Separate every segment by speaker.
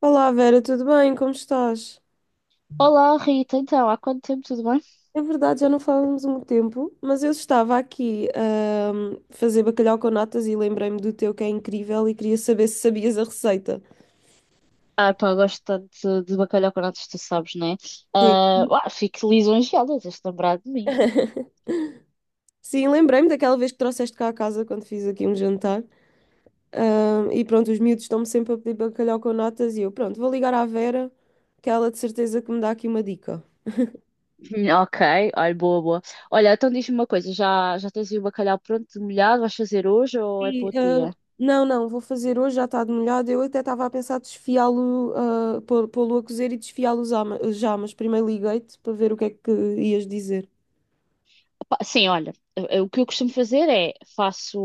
Speaker 1: Olá Vera, tudo bem? Como estás?
Speaker 2: Olá Rita, então há quanto tempo, tudo bem?
Speaker 1: É verdade, já não falamos há muito tempo, mas eu estava aqui a fazer bacalhau com natas e lembrei-me do teu que é incrível e queria saber se sabias a receita.
Speaker 2: Pá, gosto tanto de bacalhau com natas, tu sabes, né?
Speaker 1: Sim.
Speaker 2: Fico lisonjeada, tens de lembrar de mim.
Speaker 1: Sim, lembrei-me daquela vez que trouxeste cá a casa quando fiz aqui um jantar. E pronto, os miúdos estão-me sempre a pedir bacalhau com natas e eu, pronto, vou ligar à Vera, que ela de certeza que me dá aqui uma dica.
Speaker 2: Ok, olha, boa, boa. Olha, então diz-me uma coisa, já tens aí o bacalhau pronto, molhado, vais fazer hoje ou é para
Speaker 1: E,
Speaker 2: outro dia?
Speaker 1: não, não, vou fazer hoje, já está de molhado. Eu até estava a pensar desfiá-lo, pô-lo a cozer e desfiá-lo já, mas primeiro liguei-te para ver o que é que ias dizer.
Speaker 2: Pá, sim, olha, o que eu costumo fazer é faço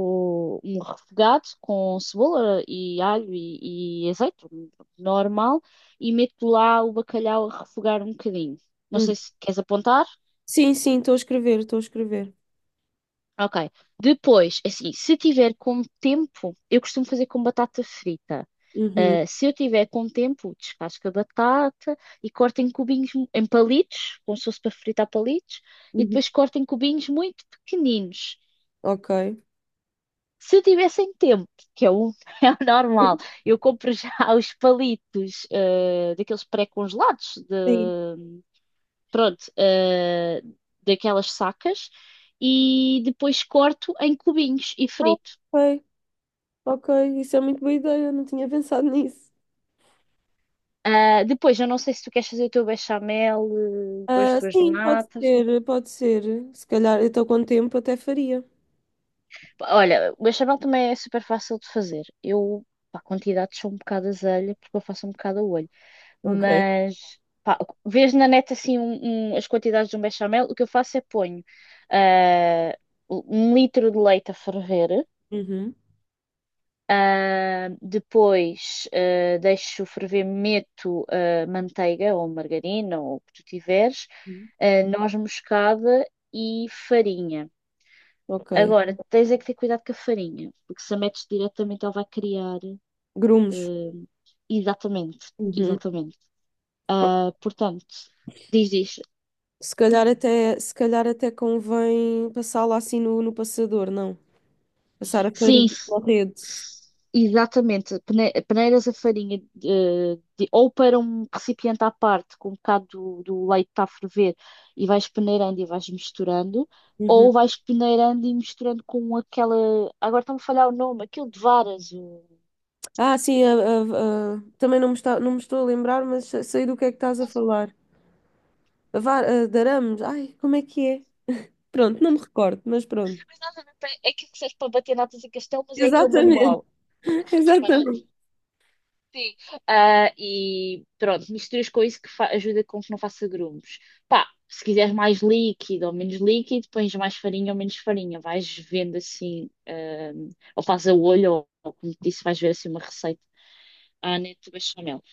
Speaker 2: um refogado com cebola e alho e azeite, um normal, e meto lá o bacalhau a refogar um bocadinho. Não
Speaker 1: Hum.
Speaker 2: sei se queres apontar.
Speaker 1: Sim, sim, estou a escrever, estou a escrever.
Speaker 2: Ok. Depois, assim, se tiver com tempo, eu costumo fazer com batata frita.
Speaker 1: Uhum,
Speaker 2: Se eu tiver com tempo, descasco a batata e corto em cubinhos, em palitos, como se fosse para fritar palitos, e
Speaker 1: uhum.
Speaker 2: depois corto em cubinhos muito pequeninos.
Speaker 1: Ok.
Speaker 2: Se tivessem tempo, que é o, é o normal, eu compro já os palitos, daqueles pré-congelados,
Speaker 1: Sim.
Speaker 2: de, pronto, daquelas sacas, e depois corto em cubinhos e
Speaker 1: Ah,
Speaker 2: frito.
Speaker 1: ok, ok, isso é muito boa ideia, não tinha pensado nisso.
Speaker 2: Depois, eu não sei se tu queres fazer o teu bechamel com as
Speaker 1: Ah,
Speaker 2: tuas
Speaker 1: sim, pode
Speaker 2: natas.
Speaker 1: ser, pode ser. Se calhar, eu estou com o tempo, até faria.
Speaker 2: Pá, olha, o bechamel também é super fácil de fazer. Eu, pá, quantidades são um bocado azelha, porque eu faço um bocado a olho.
Speaker 1: Ok.
Speaker 2: Mas, pá, vês na net assim as quantidades de um bechamel. O que eu faço é ponho ah, um litro de leite a ferver.
Speaker 1: Uhum.
Speaker 2: Deixo ferver, meto manteiga ou margarina ou o que tu tiveres, noz moscada e farinha.
Speaker 1: Ok.
Speaker 2: Agora, tens é que ter cuidado com a farinha, porque se a metes diretamente ela vai criar.
Speaker 1: Grumos.
Speaker 2: ah, Exatamente,
Speaker 1: Uhum.
Speaker 2: exatamente. Portanto, diz.
Speaker 1: Se calhar até convém passá-la assim no passador, não? Passar a farinha
Speaker 2: Sim,
Speaker 1: na rede.
Speaker 2: exatamente, peneiras a farinha ou para um recipiente à parte com um bocado do leite que está a ferver e vais peneirando e vais misturando,
Speaker 1: Uhum.
Speaker 2: ou vais peneirando e misturando com aquela. Agora está-me a falhar o nome, aquilo de varas. O...
Speaker 1: Ah, sim, também não me está, não me estou a lembrar, mas sei do que é que estás a
Speaker 2: Mas
Speaker 1: falar. A var, a darames. Ai, como é que é? Pronto, não me recordo, mas pronto.
Speaker 2: nada a ver, é aquilo que serve para bater natas e castelo, mas é aquele
Speaker 1: Exatamente.
Speaker 2: manual.
Speaker 1: Exatamente.
Speaker 2: Sim. E pronto, misturas com isso que ajuda com que não faça grumos. Pá, se quiseres mais líquido ou menos líquido, pões mais farinha ou menos farinha. Vais vendo assim, ou faz a olho, ou como te disse, vais ver assim uma receita. Neto bechamel.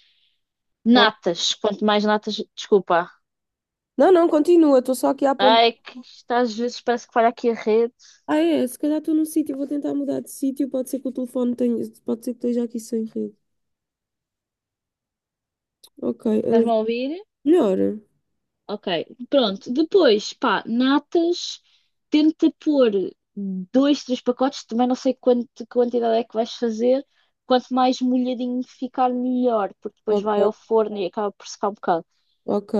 Speaker 1: Oh,
Speaker 2: Natas, quanto mais natas, desculpa.
Speaker 1: não, não, continua, estou só aqui a apontar.
Speaker 2: Ai, que isto às vezes parece que falha aqui a rede.
Speaker 1: Ah, é? Se calhar estou num sítio, vou tentar mudar de sítio. Pode ser que o telefone tenha. Pode ser que esteja aqui sem rede. Ok. eh,
Speaker 2: Estás-me a ouvir?
Speaker 1: melhor.
Speaker 2: Ok, pronto. Depois, pá, natas, tenta pôr dois, três pacotes, também não sei quanto, quantidade é que vais fazer. Quanto mais molhadinho ficar, melhor, porque depois
Speaker 1: Ok,
Speaker 2: vai ao forno e acaba por secar um bocado.
Speaker 1: ok.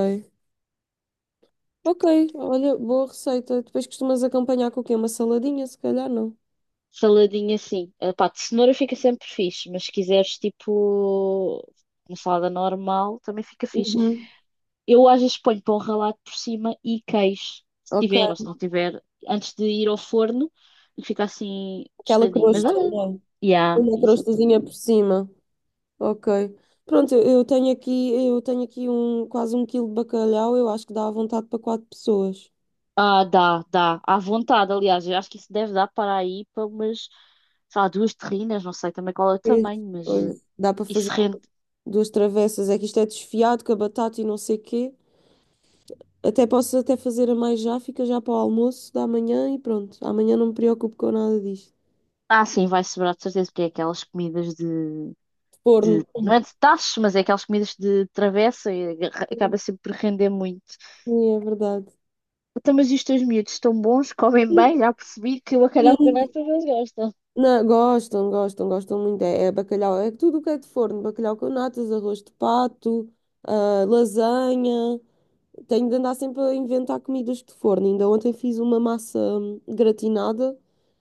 Speaker 1: Ok, olha, boa receita. Depois costumas acompanhar com o quê? Uma saladinha, se calhar, não?
Speaker 2: Saladinha assim. Pá, de cenoura fica sempre fixe, mas se quiseres tipo uma salada normal, também fica fixe.
Speaker 1: Uhum.
Speaker 2: Eu às vezes ponho pão ralado por cima e queijo, se tiver
Speaker 1: Ok,
Speaker 2: ou se não tiver, antes de ir ao forno e fica assim
Speaker 1: aquela
Speaker 2: tostadinho. Mas
Speaker 1: crosta,
Speaker 2: olha,
Speaker 1: não é?
Speaker 2: yeah,
Speaker 1: Uma crostazinha
Speaker 2: exatamente.
Speaker 1: por cima. Ok. Pronto, eu tenho aqui um, quase um quilo de bacalhau. Eu acho que dá à vontade para quatro pessoas.
Speaker 2: Dá, dá, à vontade, aliás, eu acho que isso deve dar para aí para umas, sei lá, duas terrinas, não sei também qual é o
Speaker 1: Pois,
Speaker 2: tamanho, mas
Speaker 1: pois. Dá para fazer
Speaker 2: isso rende.
Speaker 1: duas travessas. É que isto é desfiado com a batata e não sei quê. Até posso até fazer a mais já, fica já para o almoço da manhã e pronto. Amanhã não me preocupo com nada disto.
Speaker 2: Sim, vai sobrar de certeza, porque é aquelas comidas de
Speaker 1: Forno.
Speaker 2: não é de tachos, mas é aquelas comidas de travessa e acaba sempre por render muito.
Speaker 1: Sim, é verdade.
Speaker 2: Então, mas e os teus miúdos estão bons, comem
Speaker 1: Sim,
Speaker 2: bem, já percebi que o bacalhau com
Speaker 1: sim.
Speaker 2: nata eles gostam.
Speaker 1: Não, gostam, gostam, gostam muito. É, é bacalhau, é tudo o que é de forno. Bacalhau com natas, arroz de pato, lasanha. Tenho de andar sempre a inventar comidas de forno. Ainda ontem fiz uma massa gratinada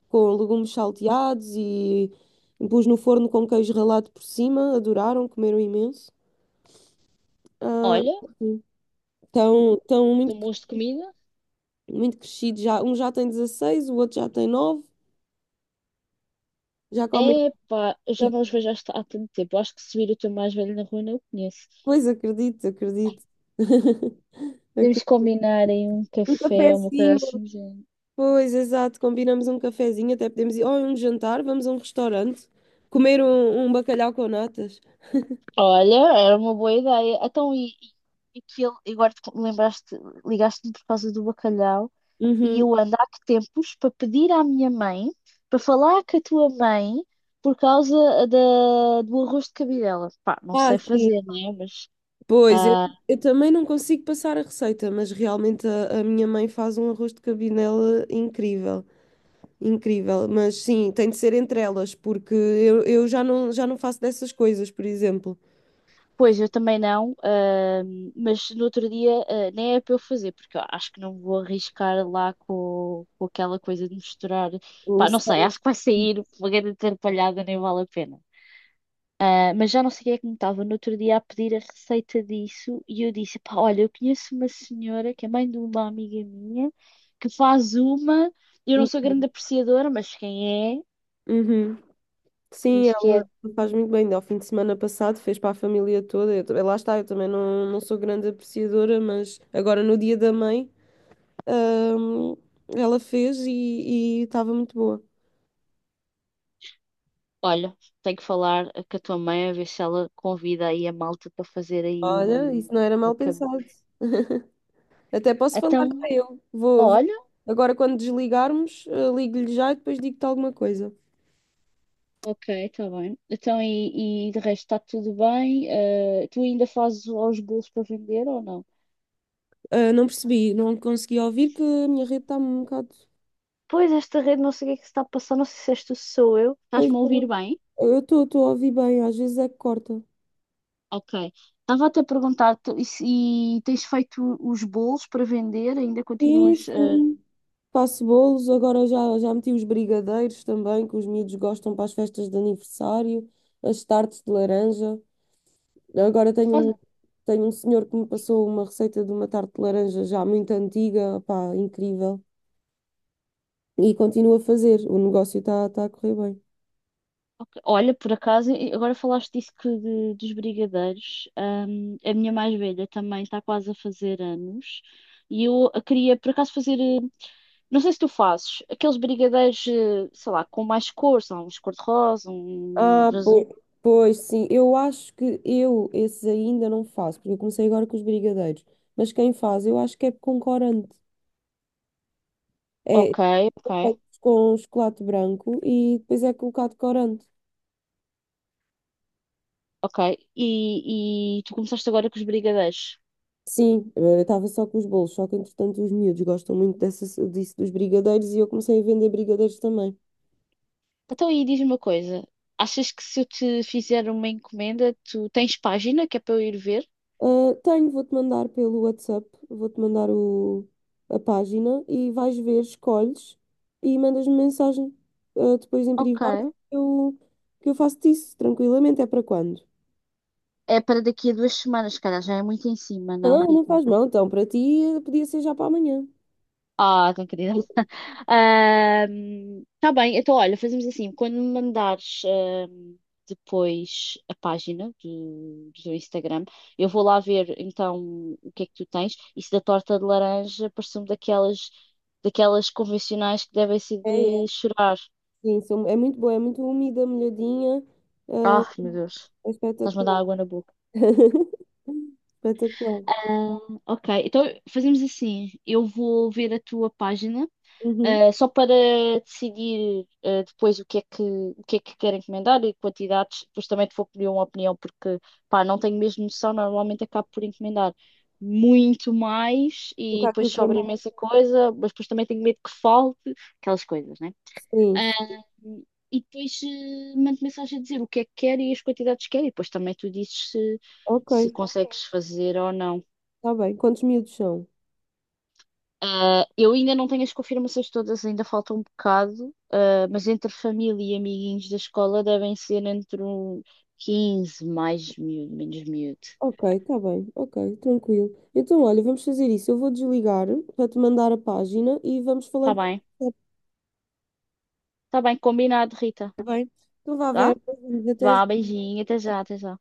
Speaker 1: com legumes salteados e pus no forno com queijo ralado por cima. Adoraram, comeram imenso. Ah,
Speaker 2: Olha,
Speaker 1: estão
Speaker 2: estão
Speaker 1: muito,
Speaker 2: bons de comida.
Speaker 1: muito crescidos já. Um já tem 16, o outro já tem 9. Já comem
Speaker 2: É pá, eu já não os vejo há, há tanto tempo. Eu acho que se vir o teu mais velho na rua não o conheço.
Speaker 1: coisa, acredito, acredito.
Speaker 2: Temos que
Speaker 1: Acredito.
Speaker 2: combinar em um
Speaker 1: Um
Speaker 2: café, uma coisa
Speaker 1: cafezinho.
Speaker 2: assim do género.
Speaker 1: Pois, exato. Combinamos um cafezinho, até podemos ir. Ou a um jantar, vamos a um restaurante. Comer um, bacalhau com natas.
Speaker 2: Olha, era uma boa ideia. Então, e que ele, agora te lembraste, ligaste-me por causa do bacalhau. E
Speaker 1: Uhum.
Speaker 2: eu ando há que tempos para pedir à minha mãe para falar com a tua mãe por causa do arroz de cabidela. Pá, não
Speaker 1: Ah,
Speaker 2: sei
Speaker 1: sim.
Speaker 2: fazer, né? Mas.
Speaker 1: Pois, eu,
Speaker 2: ah,
Speaker 1: eu também não consigo passar a receita, mas realmente a minha mãe faz um arroz de cabidela incrível. Incrível, mas sim, tem de ser entre elas, porque eu já não faço dessas coisas, por exemplo.
Speaker 2: Pois, eu também não, mas no outro dia, nem é para eu fazer, porque eu acho que não vou arriscar lá com aquela coisa de misturar.
Speaker 1: Eu
Speaker 2: Pá, não sei,
Speaker 1: sei-
Speaker 2: acho que vai sair uma grande atrapalhada, nem vale a pena. Mas já não sei quem é que me estava no outro dia a pedir a receita disso e eu disse, pá, olha, eu conheço uma senhora que é mãe de uma amiga minha que faz uma, eu não sou grande apreciadora, mas quem é,
Speaker 1: Uhum. Sim,
Speaker 2: diz que é.
Speaker 1: ela faz muito bem. Ao fim de semana passado fez para a família toda. Eu, lá está, eu também não, não sou grande apreciadora, mas agora no dia da mãe, ahm, ela fez e estava muito boa.
Speaker 2: Olha, tenho que falar com a tua mãe a ver se ela convida aí a malta para fazer aí
Speaker 1: Olha,
Speaker 2: um,
Speaker 1: isso não era
Speaker 2: uma...
Speaker 1: mal pensado. Até posso falar para
Speaker 2: Então,
Speaker 1: eu. Vou, vou-
Speaker 2: olha,
Speaker 1: Agora, quando desligarmos, ligo-lhe já e depois digo-te alguma coisa.
Speaker 2: ok, está bem. Então, e de resto está tudo bem? Tu ainda fazes os bolos para vender ou não?
Speaker 1: Ah, não percebi, não consegui ouvir que a minha rede está um bocado.
Speaker 2: Pois, esta rede não sei o que é que se está a passar, não sei se este sou eu.
Speaker 1: Pois,
Speaker 2: Estás-me a ouvir bem?
Speaker 1: eu estou a ouvir bem, às vezes é que corta.
Speaker 2: Ok. Estava até a perguntar tu- e, se- e tens feito os bolos para vender? Ainda
Speaker 1: Sim,
Speaker 2: continuas.
Speaker 1: sim. Faço bolos, agora já meti os brigadeiros também, que os miúdos gostam para as festas de aniversário, as tartes de laranja. Agora tenho um,
Speaker 2: Faz-
Speaker 1: tenho um senhor que me passou uma receita de uma tarte de laranja já muito antiga, pá, incrível. E continuo a fazer, o negócio está a correr bem.
Speaker 2: ok. Olha, por acaso, e agora falaste disso dos brigadeiros. Hum, a minha mais velha também está quase a fazer anos e eu a queria, por acaso, fazer. Não sei se tu fazes aqueles brigadeiros, sei lá, com mais cores, sei lá, uns cor-de-rosa, um
Speaker 1: Ah,
Speaker 2: azul.
Speaker 1: pois, pois sim, eu acho que eu esses ainda não faço, porque eu comecei agora com os brigadeiros. Mas quem faz, eu acho que é com corante. É
Speaker 2: Ok, ok.
Speaker 1: são com chocolate branco e depois é colocado corante.
Speaker 2: Ok, e tu começaste agora com os brigadeiros.
Speaker 1: Sim, eu estava só com os bolos, só que entretanto os miúdos gostam muito dessa, disso dos brigadeiros e eu comecei a vender brigadeiros também.
Speaker 2: Então aí diz-me uma coisa: achas que se eu te fizer uma encomenda, tu tens página que é para eu ir ver?
Speaker 1: Ah, tenho, vou-te mandar pelo WhatsApp, vou-te mandar o, a página e vais ver, escolhes e mandas-me mensagem. Ah, depois em
Speaker 2: Ok.
Speaker 1: privado eu, que eu faço-te isso tranquilamente, é para quando?
Speaker 2: É para daqui a duas semanas, cara, já é muito em cima, não,
Speaker 1: Não, não
Speaker 2: Rita?
Speaker 1: faz mal, então para ti podia ser já para amanhã.
Speaker 2: Ah, tão querida. Está bem, então olha, fazemos assim, quando me mandares depois a página do teu Instagram, eu vou lá ver então o que é que tu tens. Isso da torta de laranja parece-me daquelas, daquelas convencionais que devem ser
Speaker 1: É, é,
Speaker 2: de chorar.
Speaker 1: sim, é muito boa, é muito úmida, molhadinha, ah,
Speaker 2: Ah, meu Deus,
Speaker 1: é
Speaker 2: estás-me a dar
Speaker 1: espetacular.
Speaker 2: água na boca.
Speaker 1: Espetacular.
Speaker 2: Ah, ok, então fazemos assim, eu vou ver a tua página.
Speaker 1: Uhum.
Speaker 2: Só para decidir depois o que é que, o que é que quero encomendar e quantidades, depois também te vou pedir uma opinião, porque pá, não tenho mesmo noção, normalmente acabo por encomendar muito mais
Speaker 1: O
Speaker 2: e
Speaker 1: que é que
Speaker 2: depois
Speaker 1: eu quero?
Speaker 2: sobra imensa coisa, mas depois também tenho medo que falte, aquelas coisas, né?
Speaker 1: Sim, sim.
Speaker 2: Uh, e depois mando mensagem a dizer o que é que quero e as quantidades que quero, e depois também tu dizes se,
Speaker 1: Ok,
Speaker 2: se consegues fazer ou não.
Speaker 1: está bem. Quantos miúdos são?
Speaker 2: Eu ainda não tenho as confirmações todas, ainda falta um bocado, mas entre família e amiguinhos da escola devem ser entre um 15, mais miúdo, menos miúdo.
Speaker 1: Ok, está bem, ok, tranquilo. Então, olha, vamos fazer isso. Eu vou desligar para te mandar a página e vamos
Speaker 2: Tá
Speaker 1: falando.
Speaker 2: bem, tá bem, combinado, Rita.
Speaker 1: Está bem? Então, vá, Vera,
Speaker 2: Tá?
Speaker 1: beijinhos, até já.
Speaker 2: Vá, beijinho, até já, até já.